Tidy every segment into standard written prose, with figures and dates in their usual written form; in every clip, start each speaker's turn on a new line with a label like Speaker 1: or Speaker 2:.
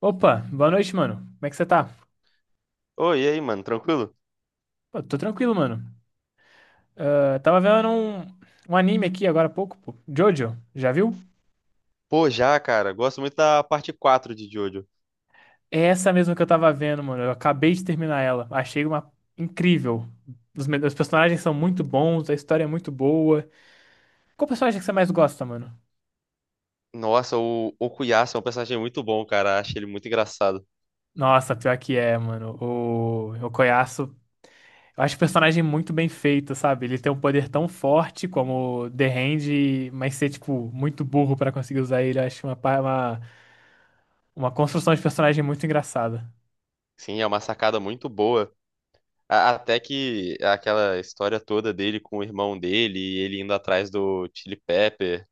Speaker 1: Opa, boa noite, mano. Como é que você tá?
Speaker 2: Oi, e aí, mano, tranquilo?
Speaker 1: Pô, tô tranquilo, mano. Ah, tava vendo um anime aqui agora há pouco, pô. Jojo, já viu?
Speaker 2: Pô, já, cara, gosto muito da parte 4 de Jojo.
Speaker 1: É essa mesmo que eu tava vendo, mano. Eu acabei de terminar ela. Achei uma incrível. Os personagens são muito bons, a história é muito boa. Qual personagem que você mais gosta, mano?
Speaker 2: Nossa, o Okuyasu é um personagem muito bom, cara, acho ele muito engraçado.
Speaker 1: Nossa, pior que é, mano. O Koyasu. Eu acho o personagem muito bem feito, sabe? Ele tem um poder tão forte como o The Hand, mas ser, tipo, muito burro pra conseguir usar ele. Eu acho uma construção de personagem muito engraçada.
Speaker 2: Sim, é uma sacada muito boa. Até que aquela história toda dele com o irmão dele e ele indo atrás do Chili Pepper,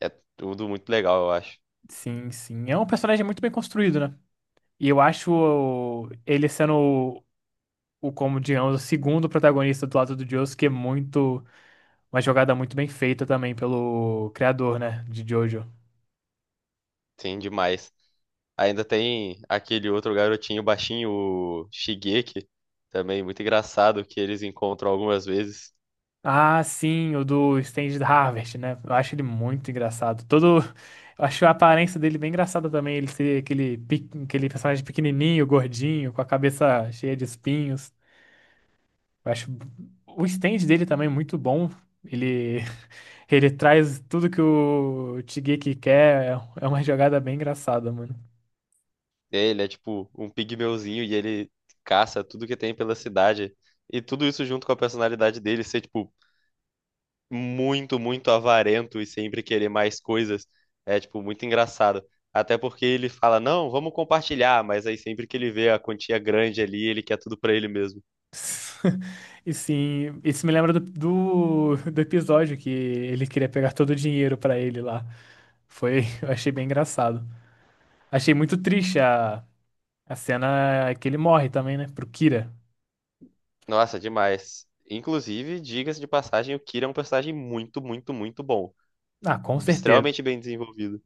Speaker 2: é tudo muito legal, eu acho.
Speaker 1: Sim, sim. É um personagem muito bem construído, né? E eu acho ele sendo como digamos, o segundo protagonista do lado do Josuke é muito. Uma jogada muito bem feita também pelo criador, né? De Jojo.
Speaker 2: Sim, demais. Ainda tem aquele outro garotinho baixinho, o Shigeki, também muito engraçado, que eles encontram algumas vezes.
Speaker 1: Ah, sim, o do Stanley Harvest, né? Eu acho ele muito engraçado. Todo. Eu acho a aparência dele bem engraçada também. Ele ser aquele personagem pequenininho, gordinho, com a cabeça cheia de espinhos. Eu acho o stand dele também é muito bom. Ele, ele traz tudo que o Shigeki quer. É uma jogada bem engraçada, mano.
Speaker 2: É, ele é tipo um pigmeuzinho e ele caça tudo que tem pela cidade. E tudo isso junto com a personalidade dele ser, tipo, muito, muito avarento e sempre querer mais coisas. É, tipo, muito engraçado. Até porque ele fala, não, vamos compartilhar, mas aí sempre que ele vê a quantia grande ali, ele quer tudo pra ele mesmo.
Speaker 1: E sim, isso me lembra do episódio que ele queria pegar todo o dinheiro pra ele lá. Foi, eu achei bem engraçado. Achei muito triste a cena que ele morre também, né? Pro Kira.
Speaker 2: Nossa, demais. Inclusive, diga-se de passagem, o Kira é um personagem muito, muito, muito bom.
Speaker 1: Ah, com certeza.
Speaker 2: Extremamente bem desenvolvido.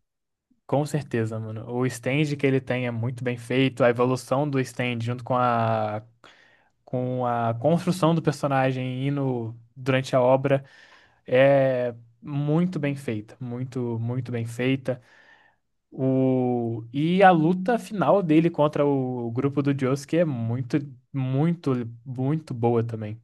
Speaker 1: Com certeza, mano. O stand que ele tem é muito bem feito. A evolução do stand junto com a construção do personagem e no, durante a obra é muito bem feita, muito, muito bem feita. O, e a luta final dele contra o grupo do Josuke é muito, muito, muito boa também.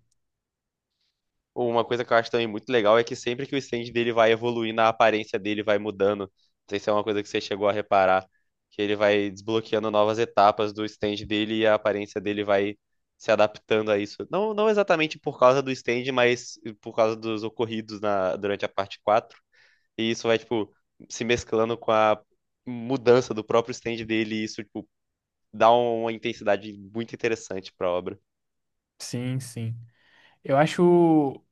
Speaker 2: Uma coisa que eu acho também muito legal é que sempre que o stand dele vai evoluindo, a aparência dele vai mudando. Não sei se é uma coisa que você chegou a reparar, que ele vai desbloqueando novas etapas do stand dele e a aparência dele vai se adaptando a isso. Não, não exatamente por causa do stand, mas por causa dos ocorridos na, durante a parte quatro. E isso vai, tipo, se mesclando com a mudança do próprio stand dele, e isso, tipo, dá uma intensidade muito interessante pra obra.
Speaker 1: Sim, sim. Eu acho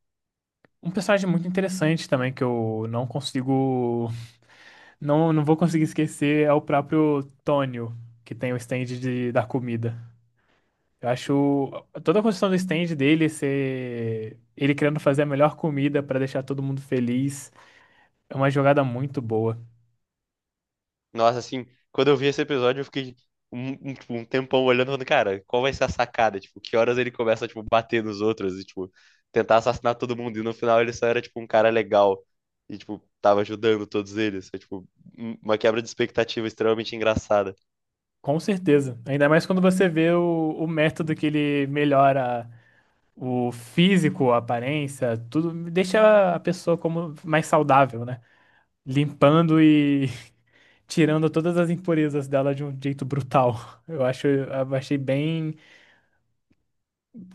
Speaker 1: um personagem muito interessante também que eu não consigo, não vou conseguir esquecer é o próprio Tonio, que tem o stand da comida. Eu acho toda a construção do stand dele ser ele querendo fazer a melhor comida pra deixar todo mundo feliz é uma jogada muito boa.
Speaker 2: Nossa, assim, quando eu vi esse episódio, eu fiquei tipo, um tempão olhando, falando, cara, qual vai ser a sacada? Tipo, que horas ele começa tipo, bater nos outros e, tipo, tentar assassinar todo mundo. E no final ele só era, tipo, um cara legal. E, tipo, tava ajudando todos eles. Foi, tipo, uma quebra de expectativa extremamente engraçada.
Speaker 1: Com certeza. Ainda mais quando você vê o método que ele melhora o físico, a aparência, tudo deixa a pessoa como mais saudável, né? Limpando e tirando todas as impurezas dela de um jeito brutal. Eu achei bem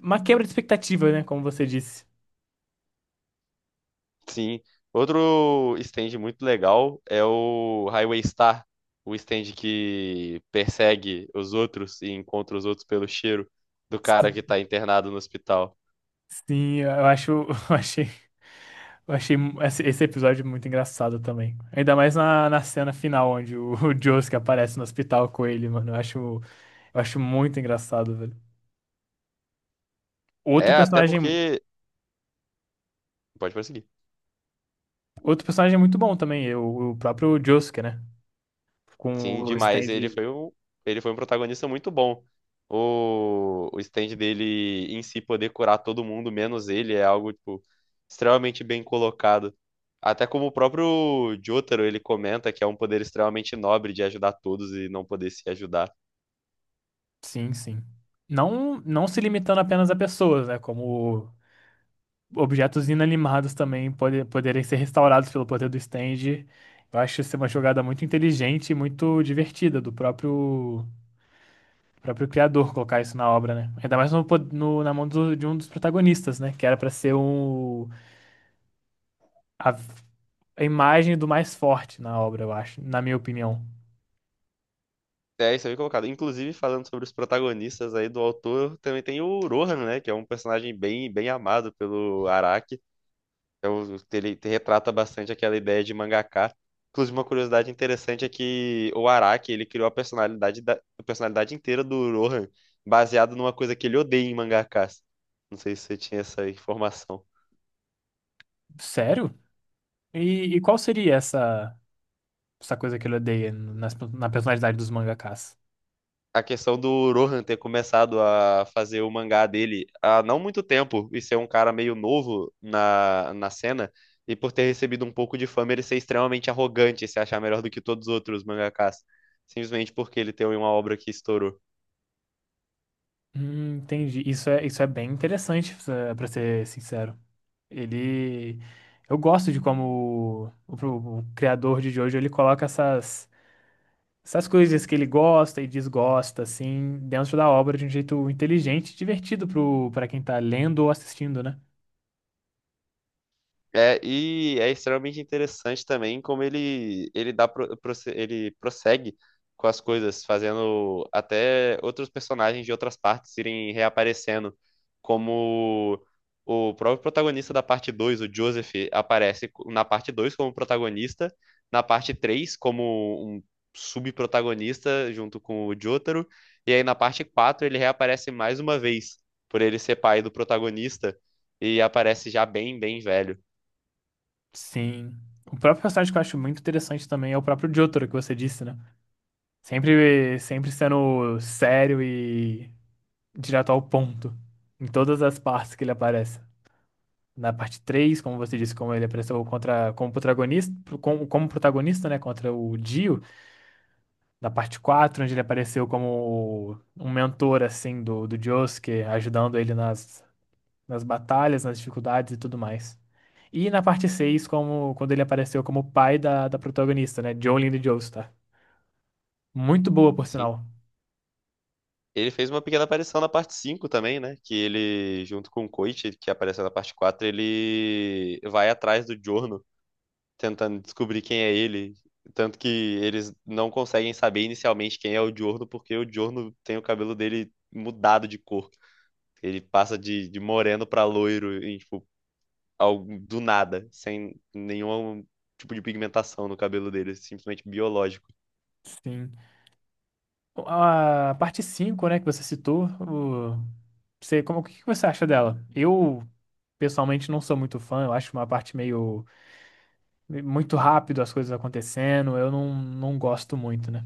Speaker 1: uma quebra de expectativa, né? Como você disse.
Speaker 2: Sim. Outro stand muito legal é o Highway Star. O stand que persegue os outros e encontra os outros pelo cheiro do cara que tá internado no hospital.
Speaker 1: Sim, eu acho, eu achei. Eu achei esse episódio muito engraçado também. Ainda mais na cena final, onde o, o Josuke aparece no hospital com ele, mano. Eu acho muito engraçado, velho. Outro
Speaker 2: É, até
Speaker 1: personagem,
Speaker 2: porque Pode prosseguir.
Speaker 1: outro personagem muito bom também, é o próprio Josuke, né? Com
Speaker 2: Sim,
Speaker 1: o
Speaker 2: demais.
Speaker 1: stand.
Speaker 2: Ele foi um protagonista muito bom. O stand dele em si poder curar todo mundo, menos ele, é algo, tipo, extremamente bem colocado. Até como o próprio Jotaro, ele comenta que é um poder extremamente nobre de ajudar todos e não poder se ajudar.
Speaker 1: Sim, sim. Não se limitando apenas a pessoas, né? Como objetos inanimados também poderem ser restaurados pelo poder do stand. Eu acho ser uma jogada muito inteligente e muito divertida do próprio. O próprio criador colocar isso na obra, né? Ainda mais na mão de um dos protagonistas, né? Que era pra ser a, a imagem do mais forte na obra, eu acho, na minha opinião.
Speaker 2: É, isso aí é colocado. Inclusive, falando sobre os protagonistas aí do autor, também tem o Rohan, né? Que é um personagem bem, bem amado pelo Araki. É Ele retrata bastante aquela ideia de mangaka. Inclusive, uma curiosidade interessante é que o Araki, ele criou a personalidade inteira do Rohan baseado numa coisa que ele odeia em mangakas. Não sei se você tinha essa informação.
Speaker 1: Sério? E qual seria essa coisa que ele odeia na personalidade dos mangakas?
Speaker 2: A questão do Rohan ter começado a fazer o mangá dele há não muito tempo e ser um cara meio novo na cena, e por ter recebido um pouco de fama, ele ser extremamente arrogante e se achar melhor do que todos os outros mangakas, simplesmente porque ele tem uma obra que estourou.
Speaker 1: Entendi. Isso é bem interessante, pra ser sincero. Ele. Eu gosto de como o criador de Jojo ele coloca essas coisas que ele gosta e desgosta, assim, dentro da obra de um jeito inteligente e divertido para quem tá lendo ou assistindo, né?
Speaker 2: É, e é extremamente interessante também como ele prossegue com as coisas, fazendo até outros personagens de outras partes irem reaparecendo, como o próprio protagonista da parte 2 o Joseph, aparece na parte 2 como protagonista, na parte 3 como um subprotagonista junto com o Jotaro, e aí na parte 4 ele reaparece mais uma vez, por ele ser pai do protagonista, e aparece já bem, bem velho.
Speaker 1: Sim. O próprio personagem que eu acho muito interessante também é o próprio Jotaro, que você disse, né? Sempre sendo sério e direto ao ponto. Em todas as partes que ele aparece. Na parte 3 como você disse, como ele apareceu como protagonista, como protagonista, né? Contra o Dio. Da parte 4 onde ele apareceu como um mentor, assim, do Josuke, ajudando ele nas batalhas, nas dificuldades e tudo mais. E na parte 6 como, quando ele apareceu como pai da protagonista, né? Jolene de Joestar. Muito boa, por
Speaker 2: Sim.
Speaker 1: sinal.
Speaker 2: Ele fez uma pequena aparição na parte 5 também, né? Que ele, junto com o Koichi, que apareceu na parte 4 ele vai atrás do Giorno, tentando descobrir quem é ele. Tanto que eles não conseguem saber inicialmente quem é o Giorno, porque o Giorno tem o cabelo dele mudado de cor. Ele passa de moreno pra loiro, em, tipo, do nada, sem nenhum tipo de pigmentação no cabelo dele, simplesmente biológico.
Speaker 1: Sim. A parte 5 né, que você citou, você, como, o que que você acha dela? Eu, pessoalmente, não sou muito fã, eu acho uma parte meio, muito rápido as coisas acontecendo, eu não gosto muito, né?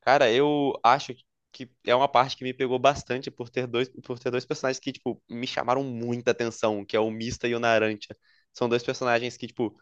Speaker 2: Cara, eu acho que é uma parte que me pegou bastante por ter dois personagens que, tipo, me chamaram muita atenção, que é o Mista e o Narantia. São dois personagens que, tipo,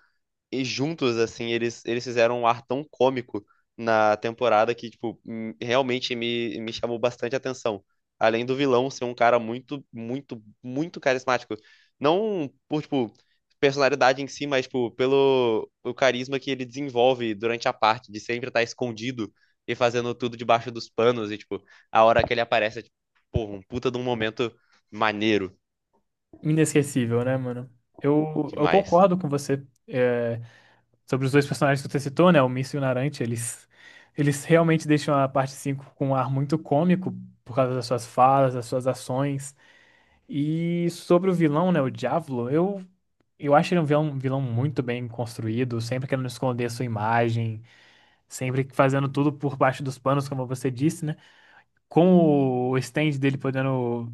Speaker 2: e juntos, assim, eles fizeram um ar tão cômico na temporada que, tipo, realmente me chamou bastante atenção. Além do vilão ser um cara muito, muito, muito carismático. Não por, tipo, personalidade em si, mas, tipo, pelo o carisma que ele desenvolve durante a parte, de sempre estar escondido e fazendo tudo debaixo dos panos. E, tipo, a hora que ele aparece, é, tipo, porra, um puta de um momento maneiro
Speaker 1: Inesquecível, né, mano? Eu
Speaker 2: demais.
Speaker 1: concordo com você é, sobre os dois personagens que você citou, né? O Mício e o Narante, eles realmente deixam a parte 5 com um ar muito cômico por causa das suas falas, das suas ações. E sobre o vilão, né, o Diavolo, eu acho ele um vilão muito bem construído, sempre querendo esconder a sua imagem, sempre fazendo tudo por baixo dos panos, como você disse, né? Com o stand dele podendo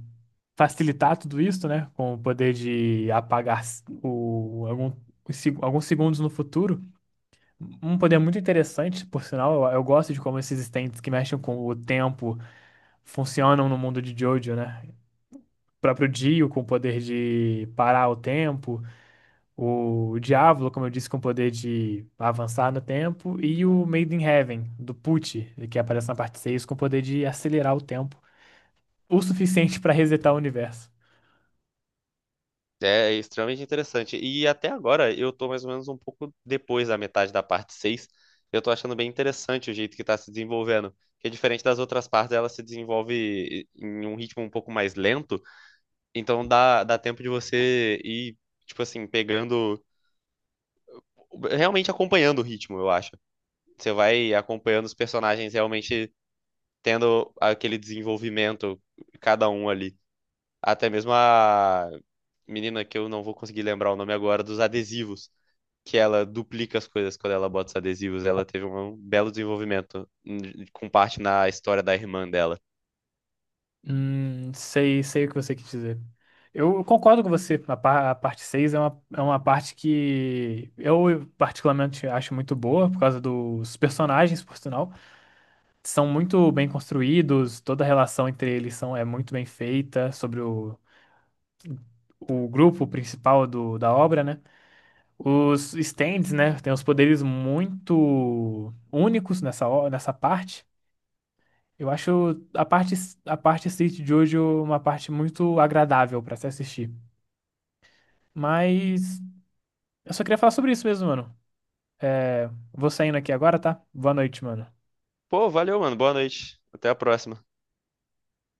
Speaker 1: facilitar tudo isso, né? Com o poder de apagar algum, alguns segundos no futuro. Um poder muito interessante, por sinal. Eu gosto de como esses stands que mexem com o tempo funcionam no mundo de Jojo, né? O próprio Dio com o poder de parar o tempo, o Diablo, como eu disse, com o poder de avançar no tempo, e o Made in Heaven, do Pucci, que aparece na parte 6 com o poder de acelerar o tempo o suficiente pra resetar o universo.
Speaker 2: É extremamente interessante. E até agora eu tô mais ou menos um pouco depois da metade da parte 6. Eu tô achando bem interessante o jeito que tá se desenvolvendo. Que é diferente das outras partes, ela se desenvolve em um ritmo um pouco mais lento. Então dá tempo de você ir, tipo assim, pegando. Realmente acompanhando o ritmo, eu acho. Você vai acompanhando os personagens realmente tendo aquele desenvolvimento, cada um ali. Até mesmo a menina que eu não vou conseguir lembrar o nome agora, dos adesivos que ela duplica as coisas quando ela bota os adesivos. Ela teve um belo desenvolvimento com parte na história da irmã dela.
Speaker 1: Sei, sei o que você quis dizer. Eu concordo com você. A parte 6 é uma parte que eu particularmente acho muito boa, por causa dos personagens, por sinal. São muito bem construídos, toda a relação entre eles são, é muito bem feita, sobre o grupo principal da obra, né? Os stands, né? Tem os poderes muito únicos nessa parte. Eu acho a parte, a parte City de hoje uma parte muito agradável pra se assistir. Mas eu só queria falar sobre isso mesmo, mano. Vou saindo aqui agora, tá? Boa noite, mano.
Speaker 2: Pô, valeu, mano. Boa noite. Até a próxima.